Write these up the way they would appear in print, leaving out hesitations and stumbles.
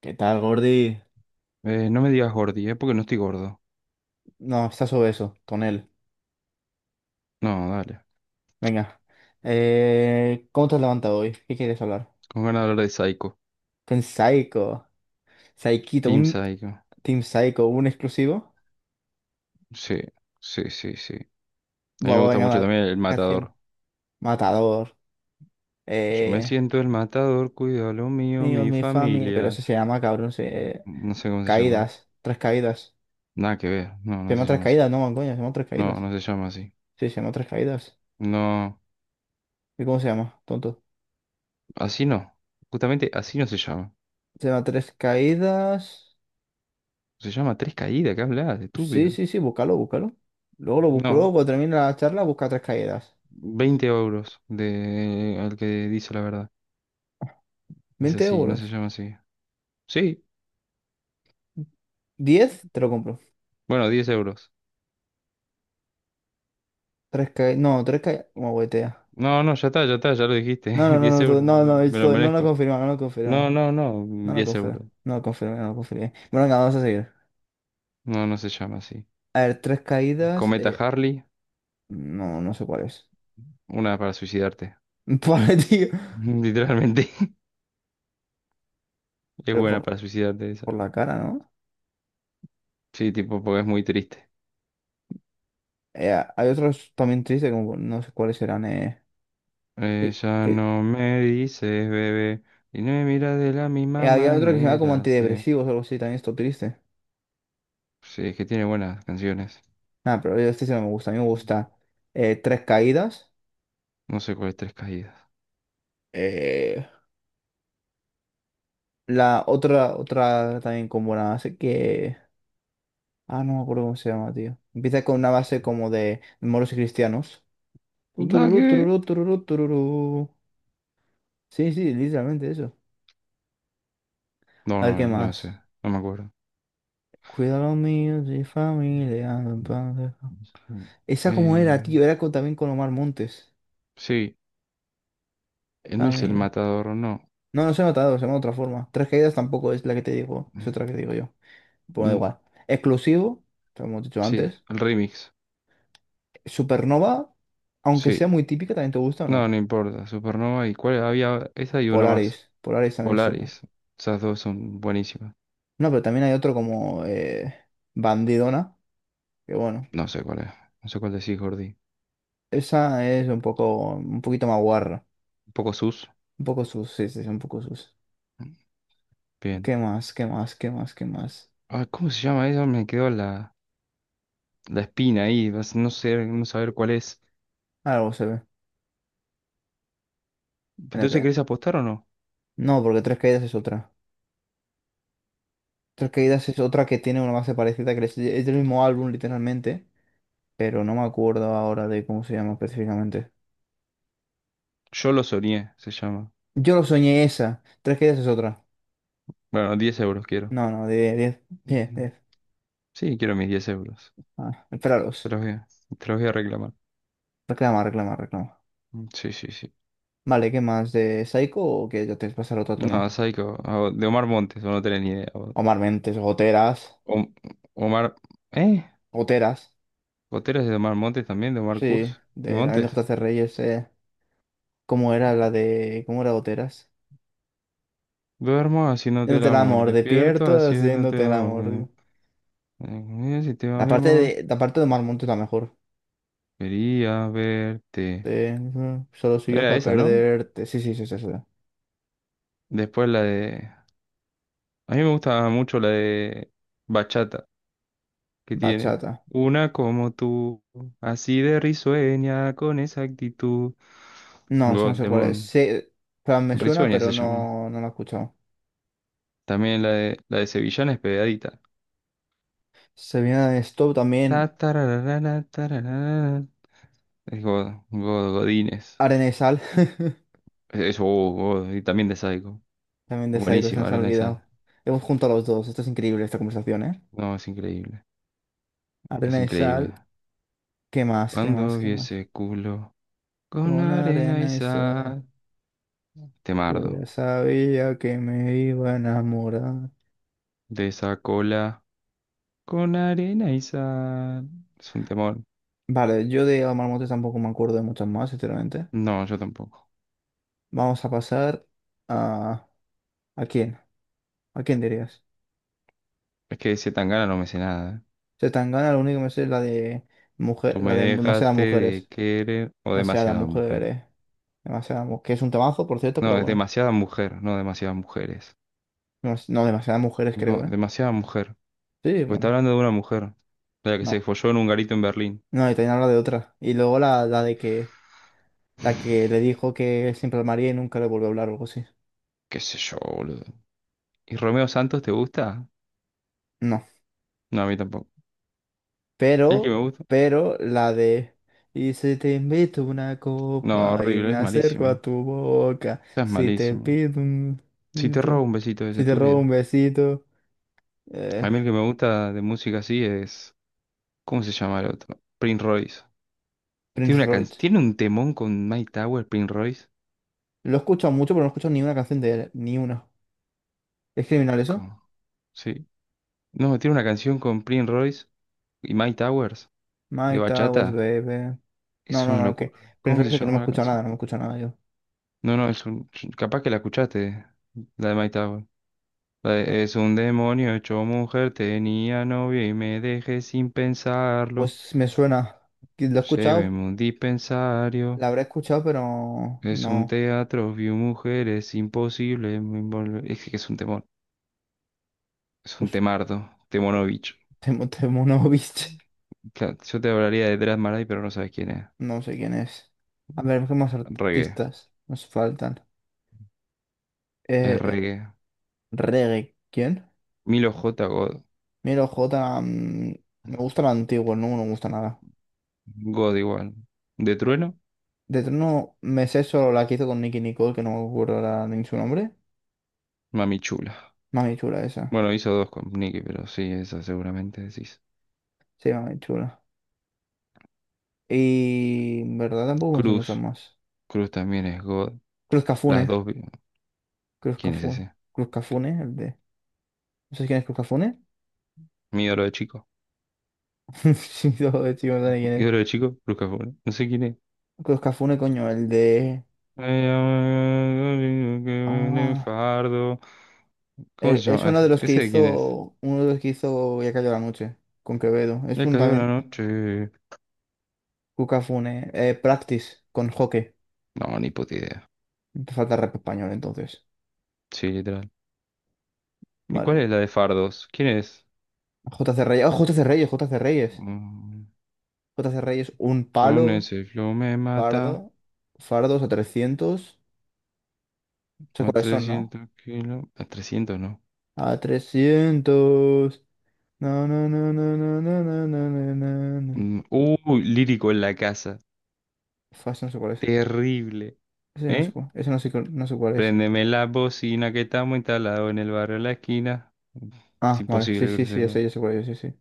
¿Qué tal, Gordy? No me digas gordi, ¿eh? Porque no estoy gordo. No, está sobre tonel. No, dale. Venga. ¿Cómo te has levantado hoy? ¿Qué quieres hablar? Con ganas de hablar de Psycho. Con Psycho. Psyquito, Team un Psycho. Team Psycho, un exclusivo. Sí, sí, sí, sí. A mí me Vamos, gusta venga, mucho va. también el matador. Canción. Matador. Yo me Eh, siento el matador, cuido lo mío, mío, mi mi familia. Pero familia. eso se llama, cabrón. No sé cómo se llama. Caídas. Tres caídas. Nada que ver. No, Se no llama se tres llama así. caídas, no, man, coño, se llama tres No, caídas. no se llama así. Sí, se llama tres caídas. No, ¿Y cómo se llama, tonto? así no. Justamente así no se llama. Se llama tres caídas. Se llama Tres Caídas, ¿qué hablas? Sí, Estúpido. sí, sí, búscalo, búscalo. Luego lo busco, No, luego cuando termine la charla, busca tres caídas. 20 euros de al que dice la verdad. Es veinte así, no se euros. llama así. Sí, 10 te lo compro. bueno, 10 euros. Tres caídas. No, tres caídas. Como huetea. No, no, ya está, ya está, ya lo dijiste. No, no, no, diez no, euros, no, no, es me lo no lo merezco. confirma, no lo No, confirma. no, no, No lo 10 confirma, euros. no lo confirma, no lo confirma. Bueno, venga, vamos a seguir. No, no se llama así. A ver, tres caídas. Cometa Harley, No, no sé cuál es. una para suicidarte. Vale, tío. Literalmente, es Pero buena para suicidarte esa. por la cara, ¿no? Sí, tipo, porque es muy triste. Hay otros también tristes, como no sé cuáles serán. Que, Ella que- no me dice, bebé, y no me mira de la misma había otro que se llama como manera. Antidepresivos o algo así, también esto triste. Sí, es que tiene buenas canciones. Ah, pero este sí no me gusta. A mí me gusta Tres Caídas. No sé cuál es Tres Caídas. eh, la otra también con buena base que. Ah, no me acuerdo cómo se llama, tío. Empieza con una base como de moros y cristianos. Tu, ¿Da tururú, qué? tururú, tururú, tururú. Sí, sí, literalmente eso. No, A ver qué no, no sé, más. no me acuerdo. Cuida los míos y familia. Mi padre. Esa como era, Eh, tío. Era también con Omar Montes. sí. No es el Familia. matador, no. No, no se ha notado, se llama de otra forma. Tres Caídas tampoco es la que te digo. Es Mm, otra que digo yo. Pues da mm, igual. Exclusivo, te lo hemos dicho sí, antes. el remix. Supernova, aunque Sí. sea muy típica, ¿también te gusta o No, no? no importa. Supernova y cuál había. Esa y una más. Polaris, Polaris también es súper. Polaris. Esas dos son buenísimas. No, pero también hay otro como Bandidona, que bueno, No sé cuál es. No sé cuál decís, Gordy. esa es un un poquito más guarra. Un poco sus. Un poco sus, sí, sí, sí, un poco sus. Bien. ¿Qué más? ¿Qué más? ¿Qué más? ¿Qué más? Ah, ¿cómo se llama eso? Me quedó la espina ahí. No sé, no saber cuál es. Algo se ve. Entonces, NP. ¿querés apostar o no? No, porque Tres Caídas es otra. Tres Caídas es otra que tiene una base parecida, que es del mismo álbum, literalmente, pero no me acuerdo ahora de cómo se llama específicamente. Yo lo soñé, se llama. Yo lo soñé esa. Tres que es otra. Bueno, 10 euros quiero. No, no, diez Ujú. 10. Sí, quiero mis 10 euros. Ah, Te espéralos. los voy a, te los voy a reclamar. Reclama, reclama, reclama. Mm, sí, sí, sí. Vale, ¿qué más? ¿De Psycho o qué? Ya te pasar a otro No, tema. Psycho, o de Omar Montes, o no tenés ni idea. Omar Mentes, Goteras. Om- Omar, ¿eh? Goteras. Otero de Omar Montes también, de Omar Sí, Kurz y de, también de Montes. JC Reyes. ¿Cómo era la de. ¿Cómo era Goteras? Duermo haciéndote el Haciéndote el amor, amor, despierto despierto, haciéndote haciéndote el el amor. amor. Si te va La mi parte amor, la parte de Omar Montes es la mejor. quería verte. De, solo soy yo Era para esa, ¿no? perderte. Sí, sí, sí, sí, sí. Después la de. A mí me gusta mucho la de Bachata, que tiene. Bachata. Una como tú, así de risueña, con esa actitud. No, eso no God, sé cuál es. Demon. Sí, pero me suena, Risueña pero se llama. no, no lo he escuchado. También la de Sevillana es pegadita. Se viene de Stop Ta, también, tararara, tararara. Es God, Godínez. Arena y Sal. Eso, oh, God, y también de Psycho. También de Psycho, se Buenísima, nos ha Arena y Sal. olvidado. Hemos juntado los dos. Esto es increíble, esta conversación, ¿eh? No, es increíble. Es Arena y increíble. Sal. ¿Qué más? ¿Qué Cuando más? ¿Qué vi más? ese culo con Con arena y arena y sal, sal. yo Temardo. ya sabía que me iba a enamorar. De esa cola con arena y sal. Es un temor. Vale, yo de Omar Montes tampoco me acuerdo de muchas más, sinceramente. No, yo tampoco. Vamos a pasar a... ¿A quién? ¿A quién dirías? Es que de ese Tangana no me sé nada. ¿Eh? Se tan gana lo único que me sé es la de mujer, Tú la me de demasiadas dejaste de mujeres. querer o Demasiadas demasiada mujer. mujeres. Que es un trabajo, por cierto, pero No, es bueno. demasiada mujer, no demasiadas mujeres. No, demasiadas mujeres No, creo, ¿eh? demasiada mujer. Sí, Porque está bueno. hablando de una mujer, la que se No. folló en un garito en Berlín. No, y también habla de otra. Y luego la de que la que le dijo que siempre al maría y nunca le volvió a hablar o algo así. Qué sé yo, boludo. ¿Y Romeo Santos te gusta? No. No, a mí tampoco. ¿El que Pero, me gusta? pero la de y si te invito una No, copa y horrible, me es acerco a malísimo. tu boca, Ya es si te malísimo. pido un Si te besito, robo un besito es si te robo estúpido. un besito, A eh, mí el que me gusta de música así es. ¿Cómo se llama el otro? Prince Royce. Prince Royce. ¿Tiene un temón con Mike Towers, Prince Royce? Lo he escuchado mucho, pero no he escuchado ni una canción de él, ni una. ¿Es criminal eso? ¿Cómo? Sí. No, tiene una canción con Prince Royce y Mike Towers. My De Towers, bachata. baby. No, Es no, una no, que. locura. Pero ¿Cómo es se que no me he llama la escuchado canción? nada, no me he escuchado nada yo. No, no, es un. Capaz que la escuchaste, la de Mike Tower. La de, es un demonio hecho mujer, tenía novia y me dejé sin pensarlo. Pues me suena. Que Lo he Lléveme escuchado, a un dispensario. la habré escuchado, pero Es un no. teatro, vi mujeres, imposible. Es que es un temor. Es un Pues temardo. Temonovich. Temo, Temo no, viste. Claro, yo te hablaría de Drat Marai, pero no sabes quién es. No sé quién es. A ver, ¿qué más Reggae. artistas nos faltan? Es Eh, eh, reggae. reggae. ¿Quién? Milo J. God. Miro J. Me gusta la antigua, no me gusta nada. God igual. ¿De Trueno? De no me sé solo la que hizo con Nicky Nicole, que no me acuerdo ahora ni su nombre. Mami chula. Mami chula esa. Bueno, hizo dos con Nicky, pero sí, esa seguramente decís. Sí, mami chula. Y en verdad tampoco me sé muchas Cruz, más. Cruz también es God. Cruz Las Cafune. dos, Cruz ¿quién es Cafune. ese? Cruz Cafune, el de. ¿No sabes quién es Cruz Cafune? Mi oro de chico. Sí, no, de hecho, no sé quién Mi oro es. de chico, Cruz Cafuna. No sé quién es. Cruz Cafune, coño, el de. Ah. Fardo. ¿Cómo se Es llama uno ese? de los que ¿Ese de quién es? hizo. Uno de los que hizo Ya cayó la noche. Con Quevedo. Es Me un cayó la también. noche. Cruz Cafune. Practice con Joque. No, ni puta idea. Te falta rap español entonces. Sí, literal. ¿Y cuál Vale. es la de Fardos? ¿Quién es? JC Reyes. Oh, JC Reyes, JC Reyes. Mm, JC Reyes, un palo. Con ese flow me Fardo. mata. Fardos a 300. Sé A cuáles son, ¿no? 300 kilos. A 300 no. A 300, no, no, no, no, no, no, no, no, no, no, no. Uy, lírico en la casa. Fast, no sé cuál es. Terrible. Ese no sé ¿Eh? cuál, ese no sé, no sé cuál es. Préndeme la bocina que estamos instalados en el barrio de la esquina. Es Ah, vale. imposible Sí, que sí, lo sí, sepas. Ya sé cuál es. Sí, sí.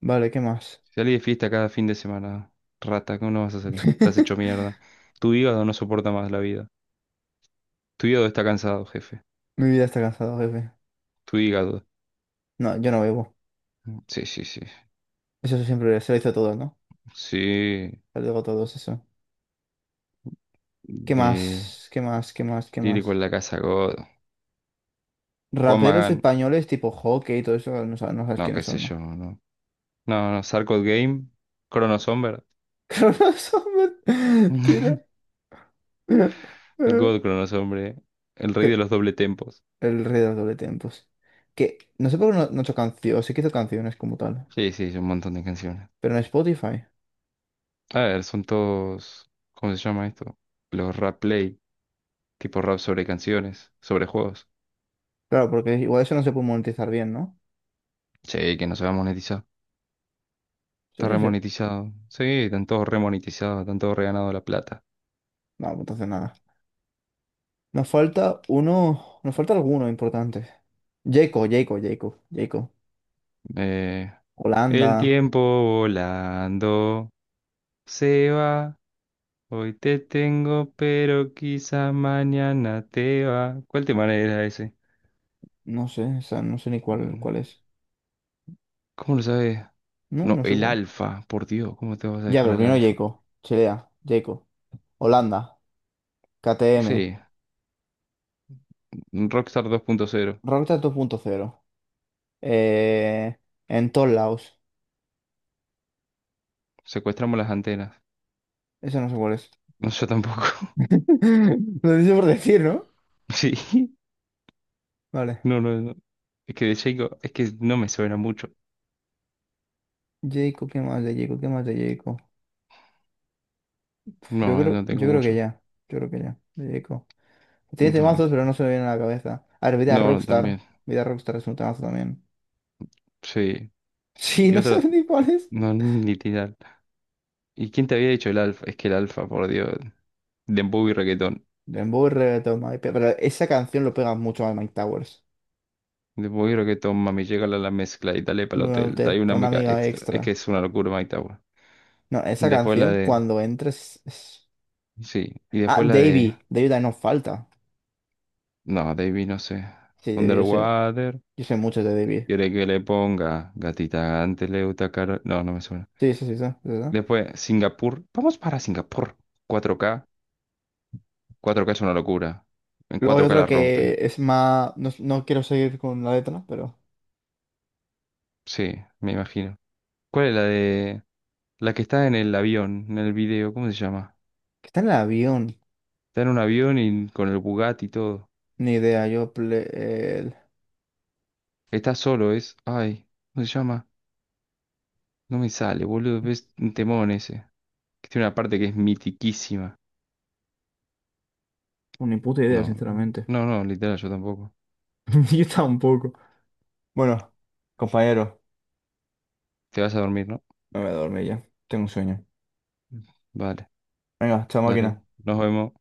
Vale, ¿qué más? Salí de fiesta cada fin de semana. Rata, ¿cómo no vas a salir? Estás hecho mierda. Tu hígado no soporta más la vida. Tu hígado está cansado, jefe. Mi vida está cansada, jefe. Tu hígado. No, yo no bebo. Sí, sí, sí. Eso siempre se lo hizo a todos, ¿no? Sí. Se lo digo a todos eso. ¿Qué De más? ¿Qué más? ¿Qué más? ¿Qué Lírico más? en la Casa, God. Juan Raperos Magán. españoles tipo Hockey y todo eso, no sabes, no sabes No, qué quiénes sé son, ¿no? yo, no. No, no. Sarcod Game. Chrono Somber. Cronosomer. Tira. God Chrono Sombre. El rey de Que- los doble tempos. El rey del doble tiempos. Que no sé por qué no ha hecho canciones. Sí que hizo canciones como tal. Sí, sí, un montón de canciones. Pero en Spotify. A ver, son todos, ¿cómo se llama esto? Los rap play, tipo rap sobre canciones, sobre juegos. Claro, porque igual eso no se puede monetizar bien, ¿no? Sí, que no se va a monetizar. Está Sí, sí. remonetizado. Sí, están todos remonetizados, están todos reganado la plata. No, pues entonces nada. Nos falta uno. Nos falta alguno importante. Jaco, Jaco, Jaco, Jaco. Eh, Holanda. el tiempo volando se va. Hoy te tengo, pero quizá mañana te va. ¿Cuál tema era ese? No sé, o sea, no sé ni cuál, Mm, cuál es. ¿Cómo lo sabes? No, No, no sé el cuál. alfa, por Dios, ¿cómo te vas a Ya, dejar pero al primero alfa? Jaco. Chilea, Jaco. Holanda. KTM. Sí. Un Rockstar 2.0. Rockstar 2.0. eh, en todos lados. Secuestramos las antenas. Eso no sé cuál es. No, yo tampoco. Lo dice por decir, ¿no? Sí, Vale. no, no, no. Es que de Jacob, es que no me suena mucho. Jacob, ¿qué más de Jacob? ¿Qué más de Jacob? No, no tengo Yo creo que mucho. ya. Yo creo que ya. De Jacob. Tiene No, temazos, pero no se me viene a la cabeza. A ver, Vida no, no, también. Rockstar. Vida Rockstar es un temazo también. Sí. Sí, Y no sabes otra, ni cuál es. no, literal. ¿Y quién te había dicho el alfa? Es que el alfa, por Dios. Dembow y reggaetón. Dembow y Reggaeton, pero esa canción lo pega mucho a Mike Towers. Dembow y reggaetón, mami, llega a la mezcla y dale para el hotel. Trae una Una mica amiga extra. Es que extra. es una locura, Mike Tower. No, esa Después la canción de. cuando entres es- Sí. Y Ah, después la de. Davey. Davey también nos falta. No, Davey, no sé. Sí, Davey, yo sé. Underwater. Yo sé mucho de David. ¿Quiere que le ponga gatita anteleuta caro? No, no me suena. Sí, sí, sí, sí, sí, sí. Después, Singapur. Vamos para Singapur. cuatro k cuatro k es una locura. En Luego hay 4K otro la rompe. que es más. No, no quiero seguir con la letra, pero. Sí, me imagino. ¿Cuál es la de? La que está en el avión, en el video, ¿cómo se llama? Que está en el avión. Está en un avión y con el Bugatti y todo. Ni idea, yo. Está solo, es. Ay, ¿cómo se llama? No me sale, boludo. Es un temón ese. Que tiene una parte que es mitiquísima. Bueno, ni puta idea, No, sinceramente. no, no, literal, yo tampoco. Yo tampoco. Bueno, compañero, Te vas a dormir, ¿no? me voy a dormir ya. Tengo un sueño. Vale. Venga, chao máquina. Dale, nos vemos.